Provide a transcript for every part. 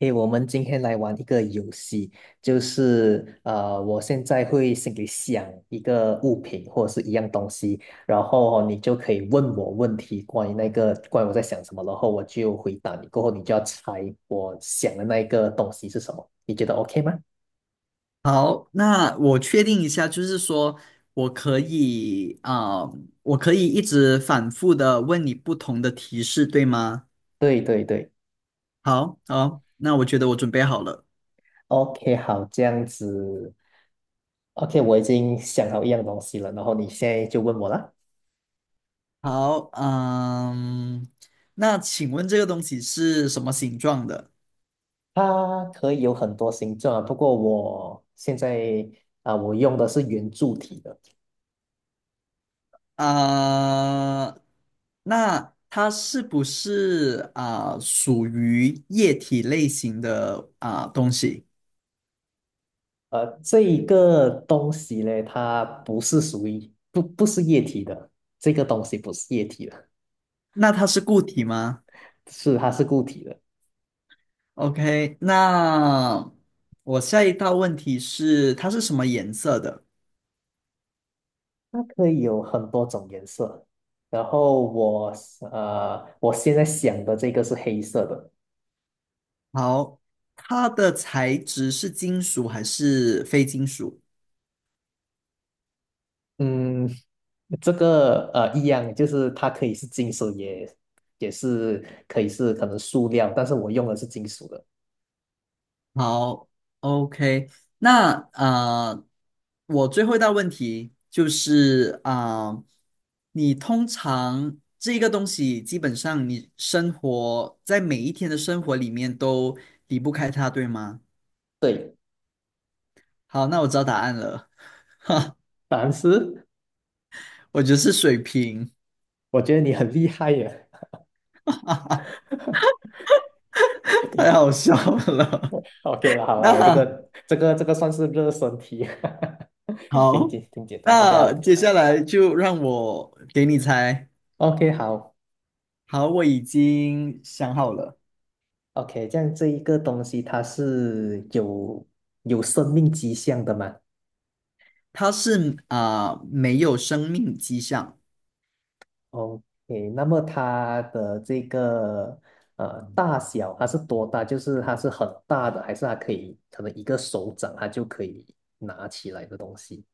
诶，我们今天来玩一个游戏，就是我现在会心里想一个物品或者是一样东西，然后你就可以问我问题，关于我在想什么，然后我就回答你，过后你就要猜我想的那个东西是什么，你觉得 OK 吗？好，那我确定一下，就是说我可以啊、我可以一直反复的问你不同的提示，对吗？对对对好，好，那我觉得我准备好了。，OK，好，这样子，OK，我已经想好一样东西了，然后你现在就问我啦。好，那请问这个东西是什么形状的？它可以有很多形状啊，不过我现在我用的是圆柱体的。啊、那它是不是属于液体类型的东西？这一个东西呢，它不是属于不是液体的，这个东西不是液体的，那它是固体吗？是它是固体的。OK，那我下一道问题是，它是什么颜色的？它可以有很多种颜色。然后我现在想的这个是黑色的。好，它的材质是金属还是非金属？嗯，这个一样，就是它可以是金属也，也是可以是可能塑料，但是我用的是金属的。好，OK，那我最后一道问题就是你通常这一个东西基本上你生活在每一天的生活里面都离不开它，对吗？对，好，那我知道答案了，哈，但是我觉得是水瓶。我觉得你很厉害耶。太好笑了。OK 了，好了，我这那个这个这个算是热身题，好，挺简单。OK，好那的接下来就让我给你猜。，OK 好好，我已经想好了，，OK，这样这一个东西它是有有生命迹象的嘛它是没有生命迹象，？OK，那么它的这个大小它是多大？就是它是很大的，还是它可以可能一个手掌它就可以拿起来的东西？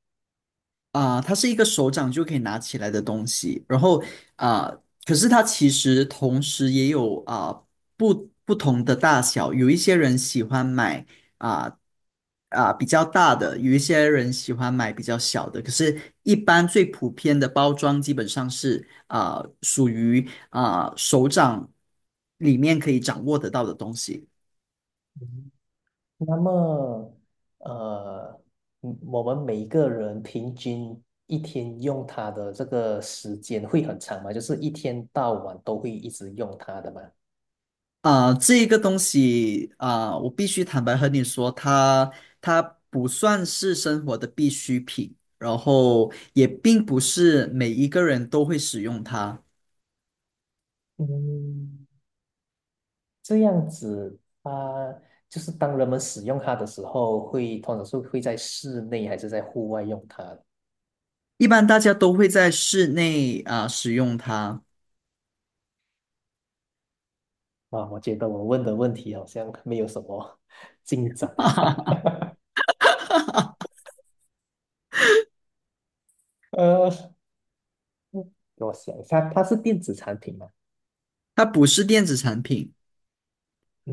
它是一个手掌就可以拿起来的东西，然后啊、可是它其实同时也有不不同的大小，有一些人喜欢买啊比较大的，有一些人喜欢买比较小的，可是一般最普遍的包装基本上是属于手掌里面可以掌握得到的东西。那么，呃，我们每一个人平均一天用它的这个时间会很长吗？就是一天到晚都会一直用它的吗？这个东西我必须坦白和你说，它不算是生活的必需品，然后也并不是每一个人都会使用它，嗯，这样子，它就是当人们使用它的时候会，通常是会在室内还是在户外用它啊，一般大家都会在室内使用它，我觉得我问的问题好像没有什么 进展。呃，给我想一下，它是电子产品吗？它不是电子产品。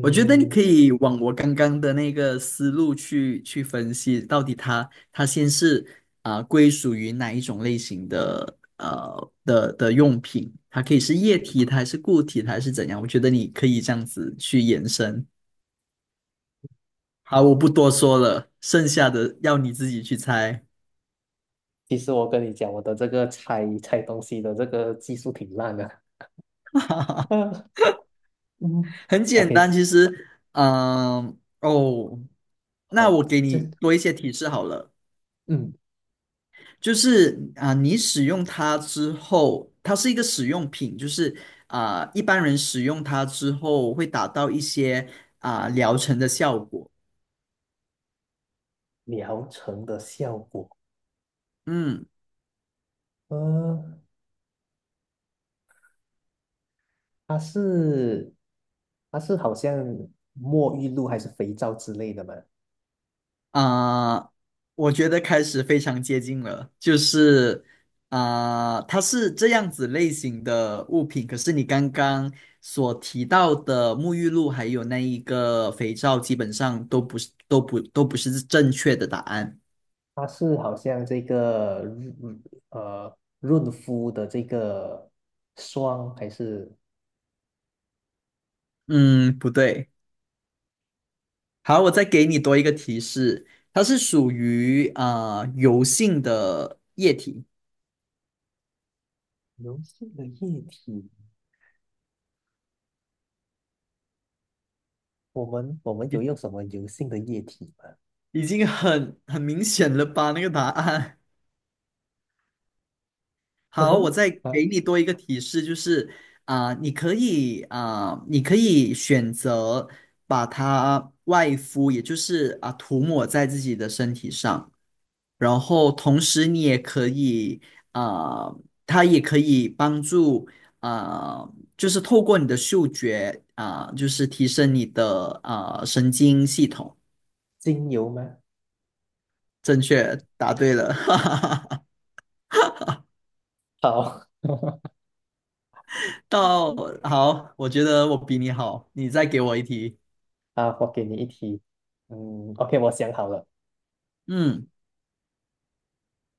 我觉得你可以往我刚刚的那个思路去分析，到底它先是归属于哪一种类型的的用品，它可以是液体，它还是固体，它还是怎样？我觉得你可以这样子去延伸。好，我不多说了，剩下的要你自己去猜，其实我跟你讲，我的这个拆东西的这个技术挺烂的。啊嗯很简单，，OK，其实，嗯、哦，那好，我给这你多一些提示好了。嗯，就是你使用它之后，它是一个使用品，就是一般人使用它之后会达到一些疗程的效果。疗程的效果，嗯呃，它是好像沐浴露还是肥皂之类的嘛？啊、我觉得开始非常接近了，就是它是这样子类型的物品，可是你刚刚所提到的沐浴露还有那一个肥皂，基本上都不是正确的答案。它是好像这个润肤的这个霜还是嗯，不对。好，我再给你多一个提示，它是属于油性的液体，油性的液体？我们有用已什么油性的液体吗？已经很明显了吧？那个答案。可好，我能再啊，给你多一个提示，就是你可以选择把它外敷，也就是涂抹在自己的身体上。然后同时你也可以啊、呃，它也可以帮助啊、就是透过你的嗅觉，就是提升你的神经系统。精油吗？正确，答对了，哈哈哈。好，到，好，我觉得我比你好，你再给我一题。啊，我给你一题。嗯，OK，我想好了，嗯，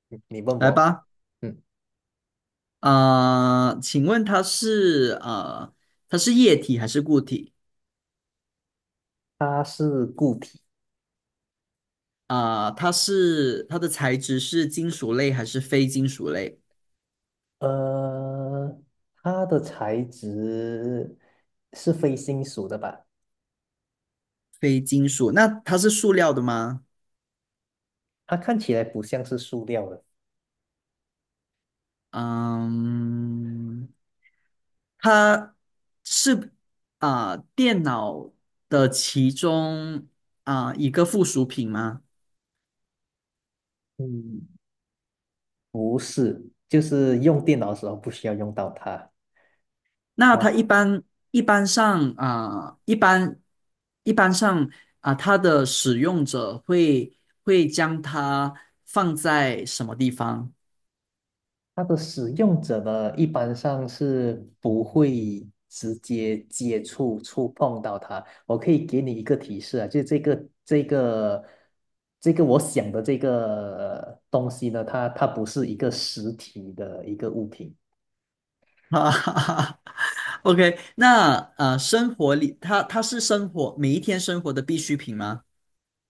你问来我。吧。嗯，请问它是液体还是固体？它是固体，它的材质是金属类还是非金属类？呃，它的材质是非金属的吧？非金属，那它是塑料的吗？它看起来不像是塑料的。嗯，它是电脑的其中一个附属品吗？嗯，不是，就是用电脑的时候不需要用到它。那它然一般上啊、一般一般上，它的使用者会将它放在什么地方？它的使用者呢，一般上是不会直接接触、触碰到它。我可以给你一个提示啊，就是这个我想的这个东西呢，它它不是一个实体的一个物品，哈哈哈 OK，那生活里它是生活每一天生活的必需品吗？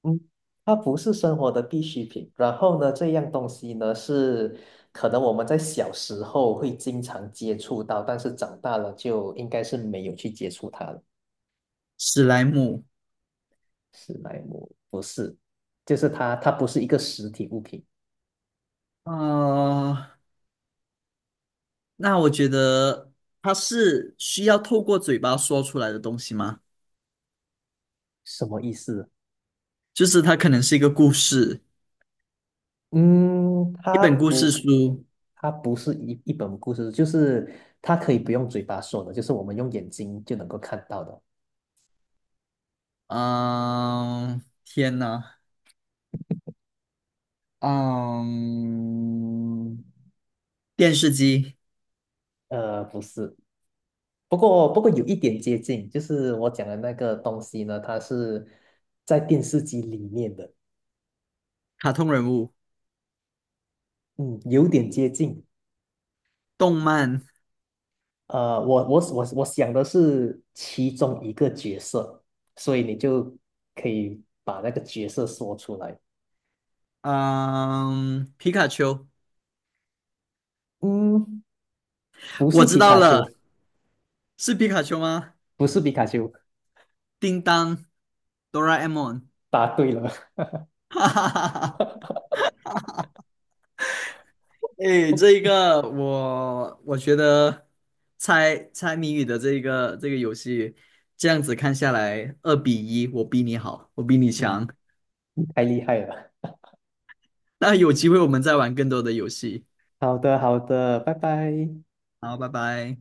嗯，它不是生活的必需品。然后呢，这样东西呢是可能我们在小时候会经常接触到，但是长大了就应该是没有去接触它了。史莱姆。史莱姆不是，就是它，它不是一个实体物品，啊、呃那我觉得它是需要透过嘴巴说出来的东西吗？什么意思？就是它可能是一个故事，嗯，一它本故事不，书。它不是一本故事，就是它可以不用嘴巴说的，就是我们用眼睛就能够看到的。嗯、天呐，嗯、电视机、不是，不过有一点接近，就是我讲的那个东西呢，它是在电视机里面的，卡通人物、嗯，有点接近。动漫，我想的是其中一个角色，所以你就可以把那个角色说出来。嗯、皮卡丘，嗯，不我是知皮道卡了，丘，是皮卡丘吗？不是皮卡丘，叮当，哆啦 A 梦，答对了，哈哈哈哈。哎，不，这一个我觉得猜猜谜语的这个游戏，这样子看下来，2-1，我比你好，我比你嗯，强。太厉害了。那有机会我们再玩更多的游戏。好的，好的，拜拜。好，拜拜。